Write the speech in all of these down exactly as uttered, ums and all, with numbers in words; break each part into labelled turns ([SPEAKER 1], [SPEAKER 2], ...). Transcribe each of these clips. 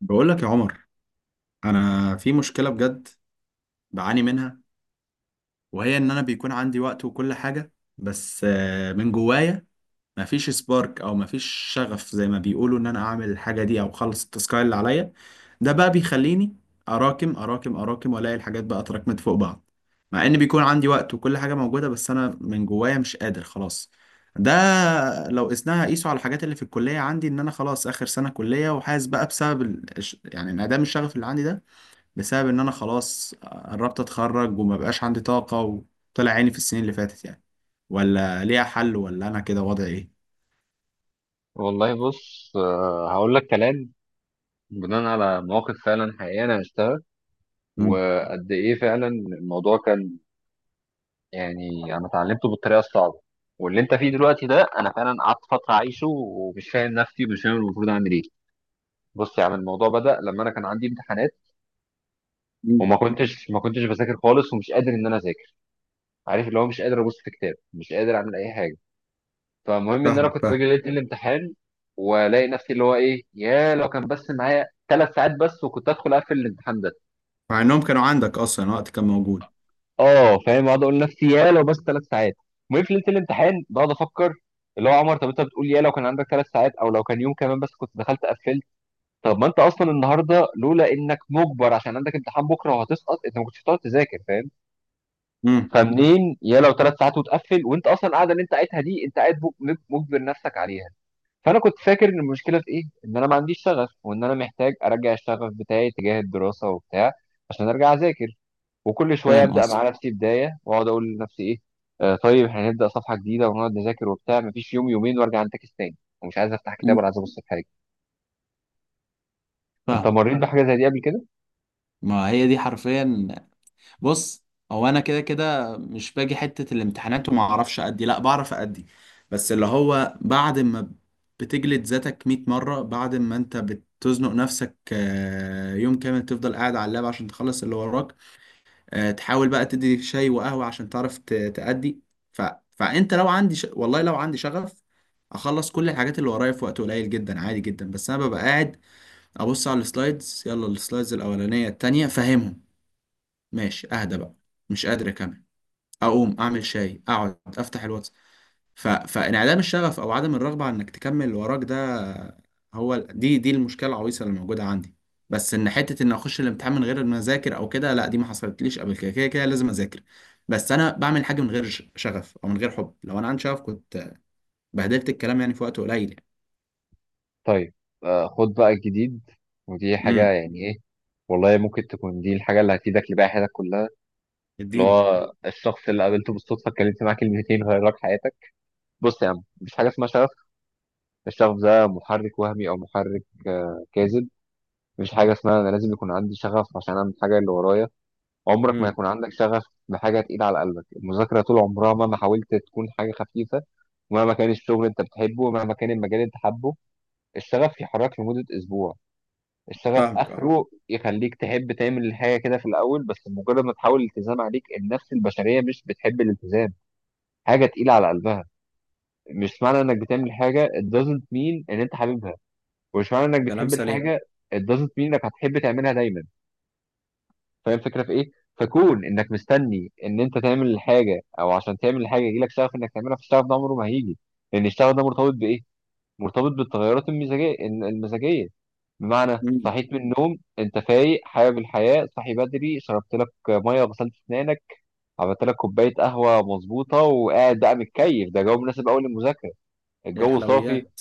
[SPEAKER 1] بقول لك يا عمر، انا في مشكله بجد بعاني منها، وهي ان انا بيكون عندي وقت وكل حاجه، بس آه، من جوايا مفيش سبارك او مفيش شغف زي ما بيقولوا ان انا اعمل الحاجه دي او اخلص التاسكاي اللي عليا. ده بقى بيخليني اراكم اراكم اراكم والاقي الحاجات بقى اتراكمت فوق بعض. مع ان بيكون عندي وقت وكل حاجه موجوده، بس انا من جوايا مش قادر خلاص. ده لو قسناها قيسوا على الحاجات اللي في الكليه، عندي ان انا خلاص اخر سنه كليه، وحاسس بقى بسبب ال- يعني انعدام الشغف اللي عندي ده، بسبب ان انا خلاص قربت اتخرج وما بقاش عندي طاقة وطلع عيني في السنين اللي فاتت يعني. ولا ليها حل، ولا انا كده وضعي ايه؟
[SPEAKER 2] والله بص آه، هقول لك كلام بناء على مواقف فعلا حقيقية أنا عشتها
[SPEAKER 1] امم
[SPEAKER 2] وقد إيه فعلا الموضوع كان. يعني أنا اتعلمته بالطريقة الصعبة، واللي أنت فيه دلوقتي ده أنا فعلا قعدت فترة أعيشه ومش فاهم نفسي ومش فاهم المفروض أعمل إيه. بص يا عم، الموضوع بدأ لما أنا كان عندي امتحانات
[SPEAKER 1] امم
[SPEAKER 2] وما كنتش ما كنتش بذاكر خالص ومش قادر إن أنا أذاكر، عارف اللي هو مش قادر أبص في كتاب مش قادر أعمل أي حاجة. فالمهم ان انا
[SPEAKER 1] فاهمك،
[SPEAKER 2] كنت
[SPEAKER 1] فاهم.
[SPEAKER 2] باجي ليله الامتحان والاقي نفسي اللي هو ايه، يا لو كان بس معايا ثلاث ساعات بس وكنت ادخل اقفل الامتحان ده.
[SPEAKER 1] مع انهم كانوا عندك اصلا، وقت كان موجود.
[SPEAKER 2] اه فاهم، اقعد اقول لنفسي يا لو بس ثلاث ساعات. المهم في ليله الامتحان بقعد افكر اللي هو عمر، طب انت بتقول يا لو كان عندك ثلاث ساعات او لو كان يوم كمان بس كنت دخلت قفلت، طب ما انت اصلا النهارده لولا انك مجبر عشان عندك امتحان بكره وهتسقط انت ما كنتش هتقعد تذاكر فاهم؟
[SPEAKER 1] امم
[SPEAKER 2] فمنين يا لو ثلاث ساعات وتقفل وانت اصلا القعده اللي انت قاعدها دي انت قاعد مج- مجبر نفسك عليها. فانا كنت فاكر ان المشكله في ايه، ان انا ما عنديش شغف وان انا محتاج ارجع الشغف بتاعي تجاه الدراسه وبتاع عشان ارجع اذاكر، وكل شويه
[SPEAKER 1] فاهم
[SPEAKER 2] ابدا
[SPEAKER 1] قصدك.
[SPEAKER 2] مع نفسي بدايه واقعد اقول لنفسي ايه، آه طيب احنا هنبدا صفحه جديده ونقعد نذاكر وبتاع، مفيش يوم يومين وارجع انتكس تاني ومش عايز افتح كتاب
[SPEAKER 1] أمم،
[SPEAKER 2] ولا عايز ابص في حاجه. انت
[SPEAKER 1] فاهم.
[SPEAKER 2] مريت بحاجه زي دي قبل كده؟
[SPEAKER 1] ما هي دي حرفيا. بص، هو انا كده كده مش باجي حتة الامتحانات وما اعرفش ادي، لا بعرف ادي. بس اللي هو بعد ما بتجلد ذاتك مية مرة، بعد ما انت بتزنق نفسك، آه، يوم كامل تفضل قاعد على اللاب عشان تخلص اللي وراك، آه، تحاول بقى تدي شاي وقهوة عشان تعرف ت- تأدي. ف... فانت لو عندي ش... والله لو عندي شغف، اخلص كل الحاجات اللي ورايا في وقت قليل جدا، عادي جدا. بس انا ببقى قاعد ابص على السلايدز، يلا السلايدز الاولانية التانية فاهمهم، ماشي اهدى بقى، مش قادر اكمل، اقوم اعمل شاي، اقعد افتح الواتس. ف... فانعدام الشغف او عدم الرغبه على انك تكمل اللي وراك ده، هو ال- دي دي المشكله العويصه اللي موجوده عندي. بس ان حته ان اخش الامتحان من غير ما اذاكر او كده، لا دي ما حصلتليش قبل كده، كده كده لازم اذاكر. بس انا بعمل حاجه من غير ش- شغف او من غير حب. لو انا عندي شغف كنت بهدلت الكلام يعني في وقت قليل يعني.
[SPEAKER 2] طيب آه خد بقى الجديد، ودي حاجه
[SPEAKER 1] امم
[SPEAKER 2] يعني ايه، والله ممكن تكون دي الحاجه اللي هتفيدك لباقي حياتك كلها. اللي
[SPEAKER 1] اديني.
[SPEAKER 2] هو الشخص اللي قابلته بالصدفه اتكلمت معاه كلمتين غير لك حياتك. بص يا عم، مفيش حاجه اسمها شغف. الشغف ده محرك وهمي او محرك آه، كاذب. مفيش حاجه اسمها انا لازم يكون عندي شغف عشان اعمل الحاجه اللي ورايا. عمرك ما
[SPEAKER 1] امم
[SPEAKER 2] يكون عندك شغف بحاجه تقيله على قلبك، المذاكره طول عمرها مهما حاولت تكون حاجه خفيفه، ومهما كان الشغل اللي انت بتحبه ومهما كان المجال اللي انت حابه، الشغف يحرك لمده اسبوع. الشغف
[SPEAKER 1] فاهمك، اه.
[SPEAKER 2] اخره يخليك تحب تعمل الحاجه كده في الاول، بس مجرد ما تحاول الالتزام عليك، النفس البشريه مش بتحب الالتزام، حاجه تقيله على قلبها. مش معنى انك بتعمل حاجه it doesn't mean ان انت حاببها، ومش معنى انك
[SPEAKER 1] كلام
[SPEAKER 2] بتحب
[SPEAKER 1] سليم.
[SPEAKER 2] الحاجه it doesn't mean انك هتحب تعملها دايما. فاهم الفكره في ايه؟ فكون انك مستني ان انت تعمل الحاجه او عشان تعمل الحاجه يجيلك شغف انك تعملها، فالشغف ده عمره ما هيجي، لان الشغف ده مرتبط بايه؟ مرتبط بالتغيرات المزاجيه المزاجيه. بمعنى،
[SPEAKER 1] امم
[SPEAKER 2] صحيت من النوم انت فايق حابب الحياه، صحي بدري، شربت لك ميه وغسلت اسنانك، عملت لك كوبايه قهوه مظبوطه وقاعد بقى متكيف، ده جو مناسب قوي للمذاكره،
[SPEAKER 1] يا
[SPEAKER 2] الجو صافي،
[SPEAKER 1] الحلويات.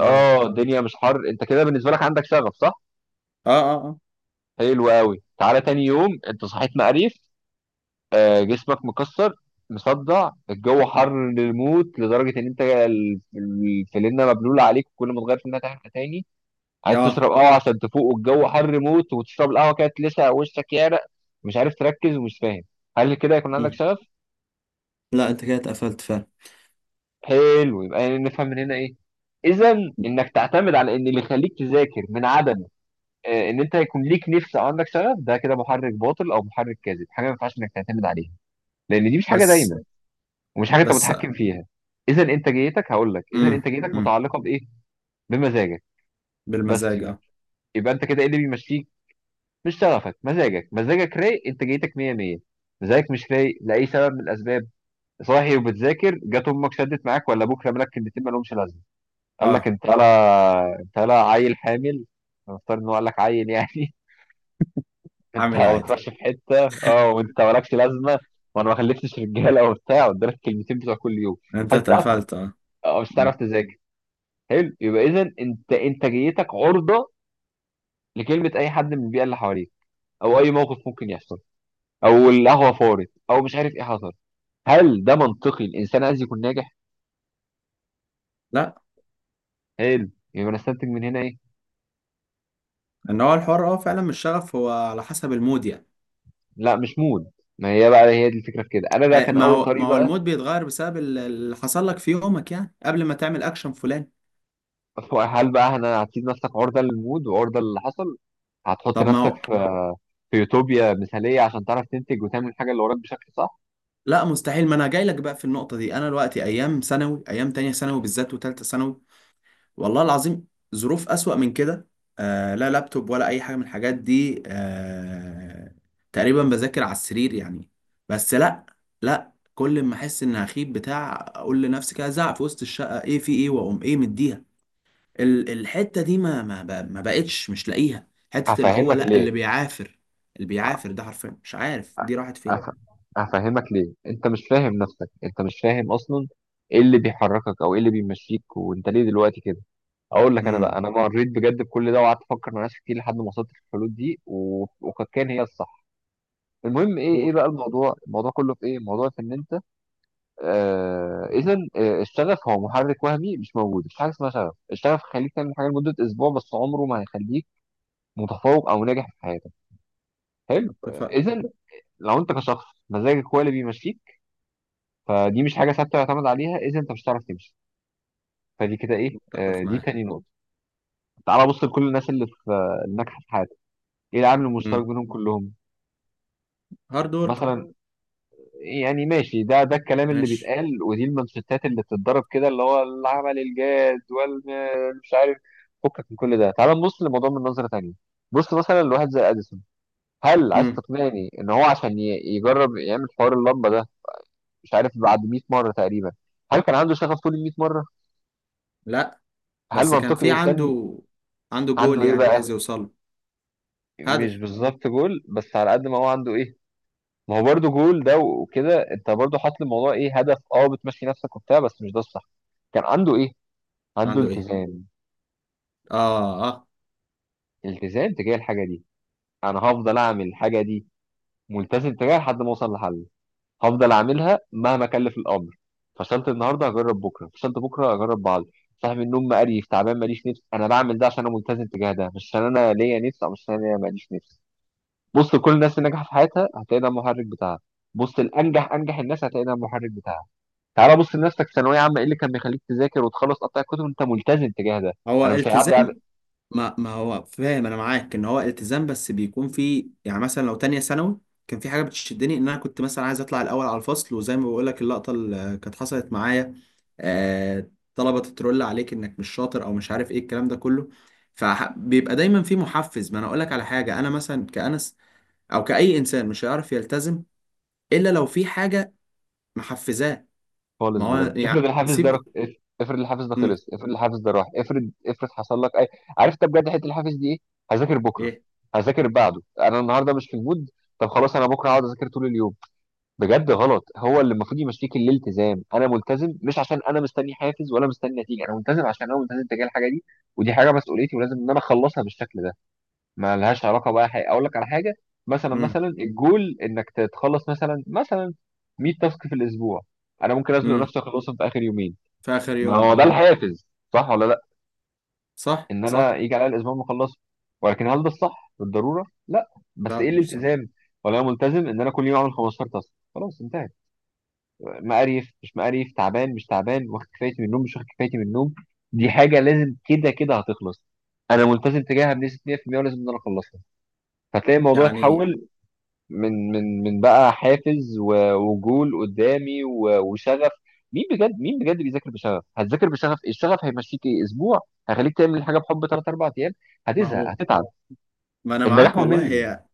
[SPEAKER 1] اه،
[SPEAKER 2] الدنيا مش حر. انت كده بالنسبه لك عندك شغف صح؟
[SPEAKER 1] اه، اه. اه،
[SPEAKER 2] حلو قوي. تعالى تاني يوم، انت صحيت مقريف، آه، جسمك مكسر مصدع، الجو حر للموت لدرجه ان انت ال- الفلينة مبلوله عليك وكل ما تغير فينها تحت تاني، عايز
[SPEAKER 1] اه.
[SPEAKER 2] تشرب قهوه عشان تفوق والجو حر موت، وتشرب القهوه كده تلسع وشك، يعرق، مش عارف تركز ومش فاهم. هل كده يكون عندك
[SPEAKER 1] مم.
[SPEAKER 2] شغف؟
[SPEAKER 1] لا، انت كده اتقفلت فعلا.
[SPEAKER 2] حلو، يبقى نفهم من هنا ايه؟ اذا، انك تعتمد على ان اللي يخليك تذاكر من عدم آه، ان انت يكون ليك نفس او عندك شغف، ده كده محرك باطل او محرك كاذب، حاجه ما ينفعش انك تعتمد عليها، لان دي مش حاجه
[SPEAKER 1] بس
[SPEAKER 2] دايمه ومش حاجه انت
[SPEAKER 1] بس
[SPEAKER 2] متحكم فيها. اذا انتاجيتك، هقول لك اذا
[SPEAKER 1] امم
[SPEAKER 2] انتاجيتك
[SPEAKER 1] امم
[SPEAKER 2] متعلقه بايه؟ بمزاجك. بس
[SPEAKER 1] بالمزاج،
[SPEAKER 2] يبقى،
[SPEAKER 1] اه.
[SPEAKER 2] يبقى انت كده ايه اللي بيمشيك؟ مش شغفك، مزاجك. مزاجك رايق، انتاجيتك مية مية. مزاجك مش رايق لاي سبب من الاسباب، صاحي وبتذاكر، جت امك شدت معاك ولا ابوك رمى لك كلمتين ما لهمش لازمه، قال لك
[SPEAKER 1] اه،
[SPEAKER 2] انت لا انت لا عيل حامل، نفترض ان هو قال لك عيل يعني انت
[SPEAKER 1] عامل
[SPEAKER 2] ما
[SPEAKER 1] عادي.
[SPEAKER 2] بتروحش في حته اه وانت مالكش لازمه، وانا ما خلفتش رجاله وبتاع، قدامك كلمتين بتوع كل يوم،
[SPEAKER 1] انت
[SPEAKER 2] هتتقفل
[SPEAKER 1] اتقفلت اه.
[SPEAKER 2] او مش هتعرف
[SPEAKER 1] مم.
[SPEAKER 2] تذاكر. حلو، يبقى اذا انت انتاجيتك عرضه لكلمه اي حد من البيئه اللي حواليك، او اي موقف ممكن يحصل، او القهوه فارت او مش عارف ايه حصل. هل ده منطقي الانسان عايز يكون ناجح؟
[SPEAKER 1] لا،
[SPEAKER 2] حلو، يبقى انا استنتج من هنا ايه؟
[SPEAKER 1] ان هو الحوار اه فعلا مش شغف، هو على حسب المود يعني.
[SPEAKER 2] لا مش مود. ما هي بقى، هي دي الفكره في كده، انا بقى
[SPEAKER 1] آه،
[SPEAKER 2] كان
[SPEAKER 1] ما
[SPEAKER 2] اول
[SPEAKER 1] هو ما
[SPEAKER 2] طريق
[SPEAKER 1] هو
[SPEAKER 2] بقى.
[SPEAKER 1] المود بيتغير بسبب ال- اللي حصل لك في يومك يعني قبل ما تعمل اكشن فلان.
[SPEAKER 2] هل بقى انا هتسيب نفسك عرضه للمود وعرضه للي حصل؟ هتحط
[SPEAKER 1] طب ما
[SPEAKER 2] نفسك
[SPEAKER 1] هو.
[SPEAKER 2] في في يوتوبيا مثاليه عشان تعرف تنتج وتعمل الحاجه اللي وراك بشكل صح؟
[SPEAKER 1] لا مستحيل، ما انا جاي لك بقى في النقطة دي. انا دلوقتي ايام ثانوي، ايام تانية ثانوي بالذات وتالتة ثانوي، والله العظيم ظروف أسوأ من كده. آه، لا لابتوب ولا أي حاجة من الحاجات دي. آه، تقريبا بذاكر على السرير يعني، بس لا. لا، كل ما أحس إن هخيب بتاع أقول لنفسي كده، زعق في وسط الشقة إيه في إيه، وأقوم إيه مديها. ال- الحتة دي ما ما ب- ما بقتش مش لاقيها. حتة اللي هو
[SPEAKER 2] هفهمك
[SPEAKER 1] لا،
[SPEAKER 2] ليه.
[SPEAKER 1] اللي بيعافر، اللي بيعافر ده حرفيا مش عارف دي راحت
[SPEAKER 2] أف...
[SPEAKER 1] فين.
[SPEAKER 2] افهمك ليه انت مش فاهم نفسك، انت مش فاهم اصلا ايه اللي بيحركك او ايه اللي بيمشيك، وانت ليه دلوقتي كده. اقول لك، انا بقى
[SPEAKER 1] امم
[SPEAKER 2] انا مريت بجد بكل ده وقعدت افكر مع ناس كتير لحد ما وصلت للحلول دي و... وقد كان هي الصح. المهم ايه، ايه
[SPEAKER 1] قول.
[SPEAKER 2] بقى الموضوع؟ الموضوع كله في ايه؟ الموضوع في ان انت آه... اذا آه، الشغف هو محرك وهمي مش موجود، مفيش حاجه اسمها شغف، الشغف هيخليك تعمل حاجه لمده اسبوع بس، عمره ما هيخليك متفوق او ناجح في حياتك. حلو.
[SPEAKER 1] اتفق.
[SPEAKER 2] اذا لو انت كشخص مزاجك هو اللي بيمشيك، فدي مش حاجه ثابته يعتمد عليها، اذا انت مش هتعرف تمشي. فدي كده ايه، آه،
[SPEAKER 1] اتفق
[SPEAKER 2] دي
[SPEAKER 1] معاك.
[SPEAKER 2] تاني نقطه. تعال بص لكل الناس اللي في آه، الناجحه في حياتك، ايه العامل المشترك
[SPEAKER 1] امم
[SPEAKER 2] بينهم كلهم؟
[SPEAKER 1] هارد ورك.
[SPEAKER 2] مثلا، يعني ماشي ده ده الكلام اللي
[SPEAKER 1] ماشي.
[SPEAKER 2] بيتقال ودي المانشيتات اللي بتتضرب كده اللي هو العمل الجاد والمش عارف، فكك من كل ده، تعال نبص للموضوع من نظره تانيه. بص مثلا لواحد زي اديسون، هل عايز
[SPEAKER 1] امم
[SPEAKER 2] تقنعني ان هو عشان ي- يجرب يعمل حوار اللمبه ده، مش عارف بعد مئة مره تقريبا، هل كان عنده شغف طول ال مية مره؟
[SPEAKER 1] لا،
[SPEAKER 2] هل
[SPEAKER 1] بس كان
[SPEAKER 2] منطقي
[SPEAKER 1] في
[SPEAKER 2] الانسان
[SPEAKER 1] عنده عنده
[SPEAKER 2] عنده
[SPEAKER 1] جول
[SPEAKER 2] ايه
[SPEAKER 1] يعني عايز
[SPEAKER 2] بقى؟
[SPEAKER 1] يوصله. هدف.
[SPEAKER 2] مش بالظبط جول، بس على قد ما هو عنده ايه. ما هو برضه جول ده، وكده انت برضه حاطط الموضوع ايه هدف اه، بتمشي نفسك وبتاع، بس مش ده الصح. كان عنده ايه؟ عنده
[SPEAKER 1] عنده ايه؟
[SPEAKER 2] التزام،
[SPEAKER 1] اه، اه.
[SPEAKER 2] التزام تجاه الحاجه دي، انا هفضل اعمل الحاجه دي ملتزم تجاهها لحد ما اوصل لحل، هفضل اعملها مهما كلف الامر، فشلت النهارده هجرب بكره، فشلت بكره هجرب بعد. صاحي من النوم مقريف تعبان ماليش نفس، انا بعمل ده عشان انا ملتزم تجاه ده، مش عشان انا ليا نفس او مش عشان انا ليا ماليش نفس. بص كل الناس اللي نجحت في حياتها هتلاقي ده المحرك بتاعها، بص الانجح انجح الناس هتلاقي ده المحرك بتاعها. تعالى بص لنفسك في ثانويه عامه، ايه اللي كان بيخليك تذاكر وتخلص قطع الكتب؟ انت ملتزم تجاه ده،
[SPEAKER 1] هو
[SPEAKER 2] انا مش هيعدي على
[SPEAKER 1] التزام. ما ما هو فاهم انا معاك ان هو التزام، بس بيكون في يعني مثلا لو تانية ثانوي كان في حاجة بتشدني، ان انا كنت مثلا عايز اطلع الاول على الفصل، وزي ما بقول لك اللقطة اللي كانت حصلت معايا. آه، طلبة تترول عليك انك مش شاطر او مش عارف ايه الكلام ده كله. فبيبقى دايما في محفز. ما انا اقول لك على حاجة، انا مثلا كأنس او كأي انسان مش هيعرف يلتزم، الا لو في حاجة محفزاه.
[SPEAKER 2] خالص
[SPEAKER 1] ما هو
[SPEAKER 2] بجد. افرض
[SPEAKER 1] يعني
[SPEAKER 2] الحافز ده
[SPEAKER 1] سيب.
[SPEAKER 2] رخ... اف- افرض الحافز ده
[SPEAKER 1] مم.
[SPEAKER 2] خلص، افرض الحافز ده راح، افرض افرض حصل لك اي، عرفت بجد حته الحافز دي ايه؟ هذاكر بكره،
[SPEAKER 1] ايه.
[SPEAKER 2] هذاكر بعده، انا النهارده مش في المود، طب خلاص انا بكره هقعد اذاكر طول اليوم. بجد غلط، هو اللي المفروض يمشيك الالتزام، انا ملتزم مش عشان انا مستني حافز ولا مستني نتيجه، انا ملتزم عشان انا ملتزم تجاه الحاجه دي، ودي حاجه مسؤوليتي ولازم ان انا اخلصها بالشكل ده، ما لهاش علاقه بقى حاجه. اقول لك على حاجه، مثلا
[SPEAKER 1] مم.
[SPEAKER 2] مثلا الجول انك تتخلص مثلا مثلا مية تاسك في الاسبوع، انا ممكن ازنق
[SPEAKER 1] مم.
[SPEAKER 2] نفسي اخلصهم في اخر يومين،
[SPEAKER 1] في اخر
[SPEAKER 2] ما
[SPEAKER 1] يوم
[SPEAKER 2] هو ده
[SPEAKER 1] اه.
[SPEAKER 2] الحافز صح ولا لا،
[SPEAKER 1] صح،
[SPEAKER 2] ان انا
[SPEAKER 1] صح.
[SPEAKER 2] يجي عليا الاسبوع ما اخلصه، ولكن هل ده الصح بالضروره؟ لا. بس ايه
[SPEAKER 1] لا، مش صح.
[SPEAKER 2] الالتزام؟ ولا انا ملتزم ان انا كل يوم اعمل خمستاشر تاسك خلاص انتهى، مقريف مش مقريف، تعبان مش تعبان، واخد كفايتي من النوم مش واخد كفايتي من النوم، دي حاجه لازم كده كده هتخلص، انا ملتزم تجاهها بنسبه مية في المية ولازم ان انا اخلصها. فتلاقي الموضوع
[SPEAKER 1] يعني
[SPEAKER 2] اتحول من من من بقى حافز و- وجول قدامي و- وشغف. مين بجد، مين بجد بيذاكر بشغف؟ هتذاكر بشغف إيه؟ الشغف هيمشيك ايه اسبوع، هيخليك تعمل الحاجه بحب تلات أربعة ايام،
[SPEAKER 1] ما
[SPEAKER 2] هتزهق
[SPEAKER 1] هو،
[SPEAKER 2] هتتعب.
[SPEAKER 1] ما انا
[SPEAKER 2] النجاح
[SPEAKER 1] معاك والله.
[SPEAKER 2] ممل.
[SPEAKER 1] هي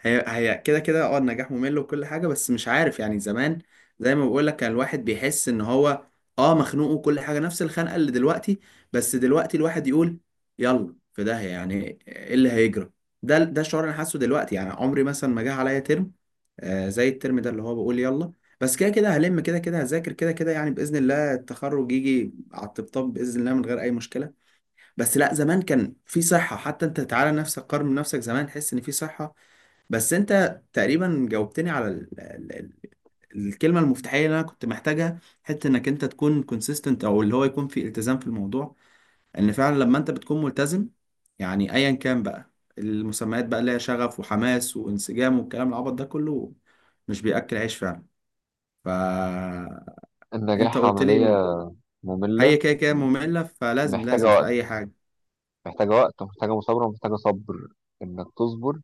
[SPEAKER 1] هي هي كده كده، اه النجاح ممل، وكل حاجة. بس مش عارف يعني، زمان زي ما بقول لك كان الواحد بيحس ان هو اه مخنوق، وكل حاجة نفس الخنقة اللي دلوقتي. بس دلوقتي الواحد يقول يلا، في ده؟ يعني ايه اللي هيجرى؟ ده ده الشعور اللي انا حاسه دلوقتي. يعني عمري مثلا ما جه عليا ترم آه زي الترم ده، اللي هو بقول يلا، بس كده كده هلم، كده كده هذاكر، كده كده يعني بإذن الله التخرج يجي على الطبطاب بإذن الله من غير أي مشكلة. بس لا، زمان كان في صحة. حتى أنت تعالى، نفسك قارن نفسك زمان، تحس إن في صحة. بس انت تقريبا جاوبتني على ال... ال... ال- الكلمة المفتاحية اللي انا كنت محتاجها، حتة انك انت تكون كونسيستنت او اللي هو يكون في التزام في الموضوع. ان فعلا لما انت بتكون ملتزم، يعني ايا كان بقى المسميات بقى، اللي هي شغف وحماس وانسجام والكلام العبط ده كله، مش بيأكل عيش فعلا. فانت
[SPEAKER 2] النجاح
[SPEAKER 1] قلت
[SPEAKER 2] عمليه
[SPEAKER 1] لي هي
[SPEAKER 2] ممله،
[SPEAKER 1] كده كده مملة، فلازم،
[SPEAKER 2] محتاجه
[SPEAKER 1] لازم في
[SPEAKER 2] وقت،
[SPEAKER 1] اي حاجة
[SPEAKER 2] محتاجه وقت ومحتاجه مثابره ومحتاجه صبر، انك تصبر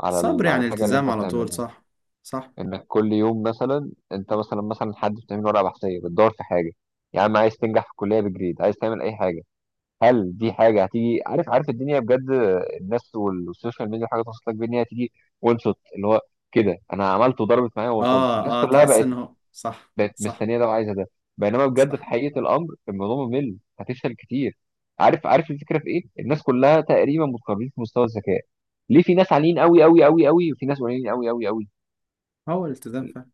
[SPEAKER 2] على
[SPEAKER 1] صبر
[SPEAKER 2] ال- على
[SPEAKER 1] يعني
[SPEAKER 2] الحاجه اللي
[SPEAKER 1] التزام
[SPEAKER 2] انت
[SPEAKER 1] على طول،
[SPEAKER 2] بتعملها،
[SPEAKER 1] صح؟ صح.
[SPEAKER 2] انك كل يوم مثلا، انت مثلا مثلا حد بتعمل ورقه بحثيه بتدور في حاجه، يا عم عايز تنجح في الكليه بجريد، عايز تعمل اي حاجه، هل دي حاجه هتيجي؟ عارف، عارف الدنيا بجد، الناس وال- والسوشيال ميديا حاجه توصل لك بان هي هتيجي، وان شوت اللي هو كده انا عملت وضربت معايا ووصلت الناس
[SPEAKER 1] اه، اه،
[SPEAKER 2] كلها
[SPEAKER 1] تحس
[SPEAKER 2] بقت،
[SPEAKER 1] ان هو صح.
[SPEAKER 2] بقت
[SPEAKER 1] صح،
[SPEAKER 2] مستنيه ده وعايزه ده، بينما بجد في
[SPEAKER 1] صح.
[SPEAKER 2] حقيقه الامر الموضوع ممل، هتفشل كتير. عارف، عارف الفكره في ايه؟ الناس كلها تقريبا متقاربين في مستوى الذكاء، ليه في ناس عاليين قوي قوي قوي قوي وفي ناس قليلين قوي قوي قوي؟
[SPEAKER 1] هو الالتزام فعلا.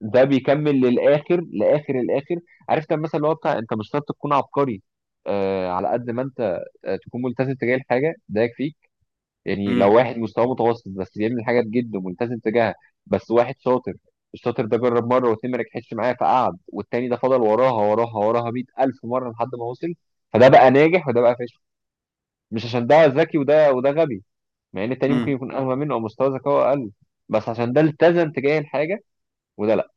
[SPEAKER 2] ده بيكمل للاخر لاخر الاخر، عارف، كان مثلا اللي هو بتاع انت مش شرط تكون عبقري، آه على قد ما انت آه تكون ملتزم تجاه الحاجه ده يكفيك. يعني لو
[SPEAKER 1] امم
[SPEAKER 2] واحد مستواه متوسط بس بيعمل حاجات جدا ملتزم تجاهها، بس واحد شاطر، الشاطر ده جرب مره واتنين ما نجحتش معاه فقعد، والتاني ده فضل وراها وراها وراها مية الف مره لحد ما وصل، فده بقى ناجح وده بقى فاشل، مش عشان ده ذكي وده وده غبي، مع ان التاني ممكن
[SPEAKER 1] امم
[SPEAKER 2] يكون اغبى منه او مستوى ذكائه اقل، بس عشان ده التزم تجاه الحاجه وده لا.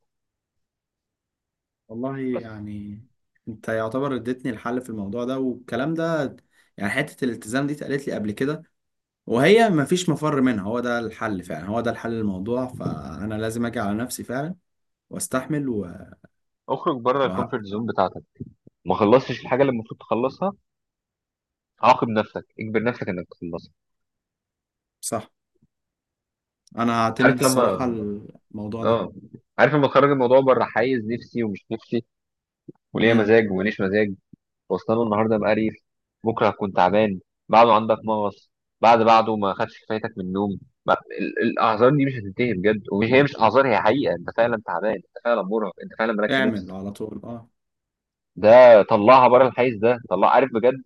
[SPEAKER 1] والله
[SPEAKER 2] بس
[SPEAKER 1] يعني انت يعتبر اديتني الحل في الموضوع ده والكلام ده. يعني حتة الالتزام دي اتقالت لي قبل كده، وهي مفيش مفر منها، هو ده الحل فعلا، هو ده الحل للموضوع. فانا لازم اجي على نفسي فعلا واستحمل. و...
[SPEAKER 2] اخرج بره
[SPEAKER 1] و...
[SPEAKER 2] الكومفورت زون بتاعتك، ما خلصتش الحاجه اللي المفروض تخلصها، عاقب نفسك، اجبر نفسك انك تخلصها.
[SPEAKER 1] صح. انا هعتمد
[SPEAKER 2] عارف
[SPEAKER 1] الصراحة
[SPEAKER 2] لما،
[SPEAKER 1] الموضوع ده.
[SPEAKER 2] اه، عارف لما تخرج الموضوع بره حيز نفسي ومش نفسي وليا
[SPEAKER 1] امم
[SPEAKER 2] مزاج وماليش مزاج، واصلا النهارده مقريف، بكره هتكون تعبان، بعده عندك مغص، بعد بعده ما خدش كفايتك من النوم، ما- ال- الاعذار دي مش هتنتهي بجد، ومش هي مش اعذار، هي حقيقه، انت فعلا تعبان انت فعلا مرهق انت فعلا مالكش
[SPEAKER 1] اعمل
[SPEAKER 2] نفس،
[SPEAKER 1] على طول اه.
[SPEAKER 2] ده طلعها بره الحيز ده، طلع، عارف بجد.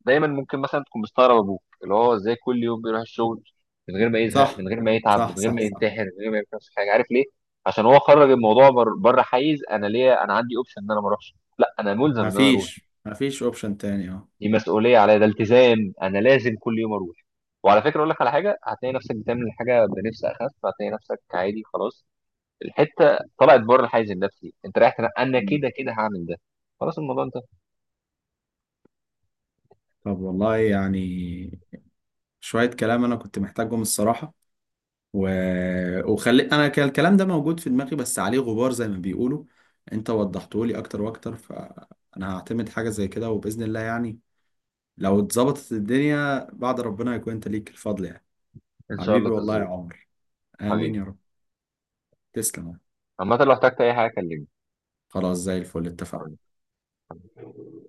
[SPEAKER 2] دايما ممكن مثلا تكون مستغرب ابوك اللي هو ازاي كل يوم بيروح الشغل من غير ما يزهق من
[SPEAKER 1] صح،
[SPEAKER 2] غير ما يتعب من
[SPEAKER 1] صح،
[SPEAKER 2] غير
[SPEAKER 1] صح،
[SPEAKER 2] ما
[SPEAKER 1] صح.
[SPEAKER 2] ينتحر من غير ما يعمل نفس حاجه، عارف ليه؟ عشان هو خرج الموضوع بر- بره حيز انا ليه، انا عندي اوبشن ان انا ما اروحش، لا انا ملزم ان انا اروح،
[SPEAKER 1] مفيش مفيش اوبشن تاني اه.
[SPEAKER 2] دي مسؤوليه عليا، ده التزام، انا لازم كل يوم اروح. وعلى فكره، اقول لك على حاجه، هتلاقي نفسك بتعمل حاجه بنفس اخف، هتلاقي نفسك عادي خلاص، الحته طلعت بره الحيز النفسي، انت رايح تنا- انا كده
[SPEAKER 1] مم.
[SPEAKER 2] كده هعمل ده، خلاص الموضوع انت.
[SPEAKER 1] طب والله يعني شوية كلام انا كنت محتاجهم الصراحة. و... وخلي انا كان الكلام ده موجود في دماغي، بس عليه غبار زي ما بيقولوا، انت وضحته لي اكتر واكتر، فانا هعتمد حاجه زي كده وباذن الله يعني، لو اتظبطت الدنيا بعد ربنا يكون انت ليك الفضل يعني.
[SPEAKER 2] ان شاء
[SPEAKER 1] حبيبي
[SPEAKER 2] الله
[SPEAKER 1] والله يا
[SPEAKER 2] تظبط.
[SPEAKER 1] عمر. امين
[SPEAKER 2] حبيبي،
[SPEAKER 1] يا رب. تسلم.
[SPEAKER 2] عامه لو احتجت اي حاجه
[SPEAKER 1] خلاص، زي الفل، اتفقنا.
[SPEAKER 2] كلمني.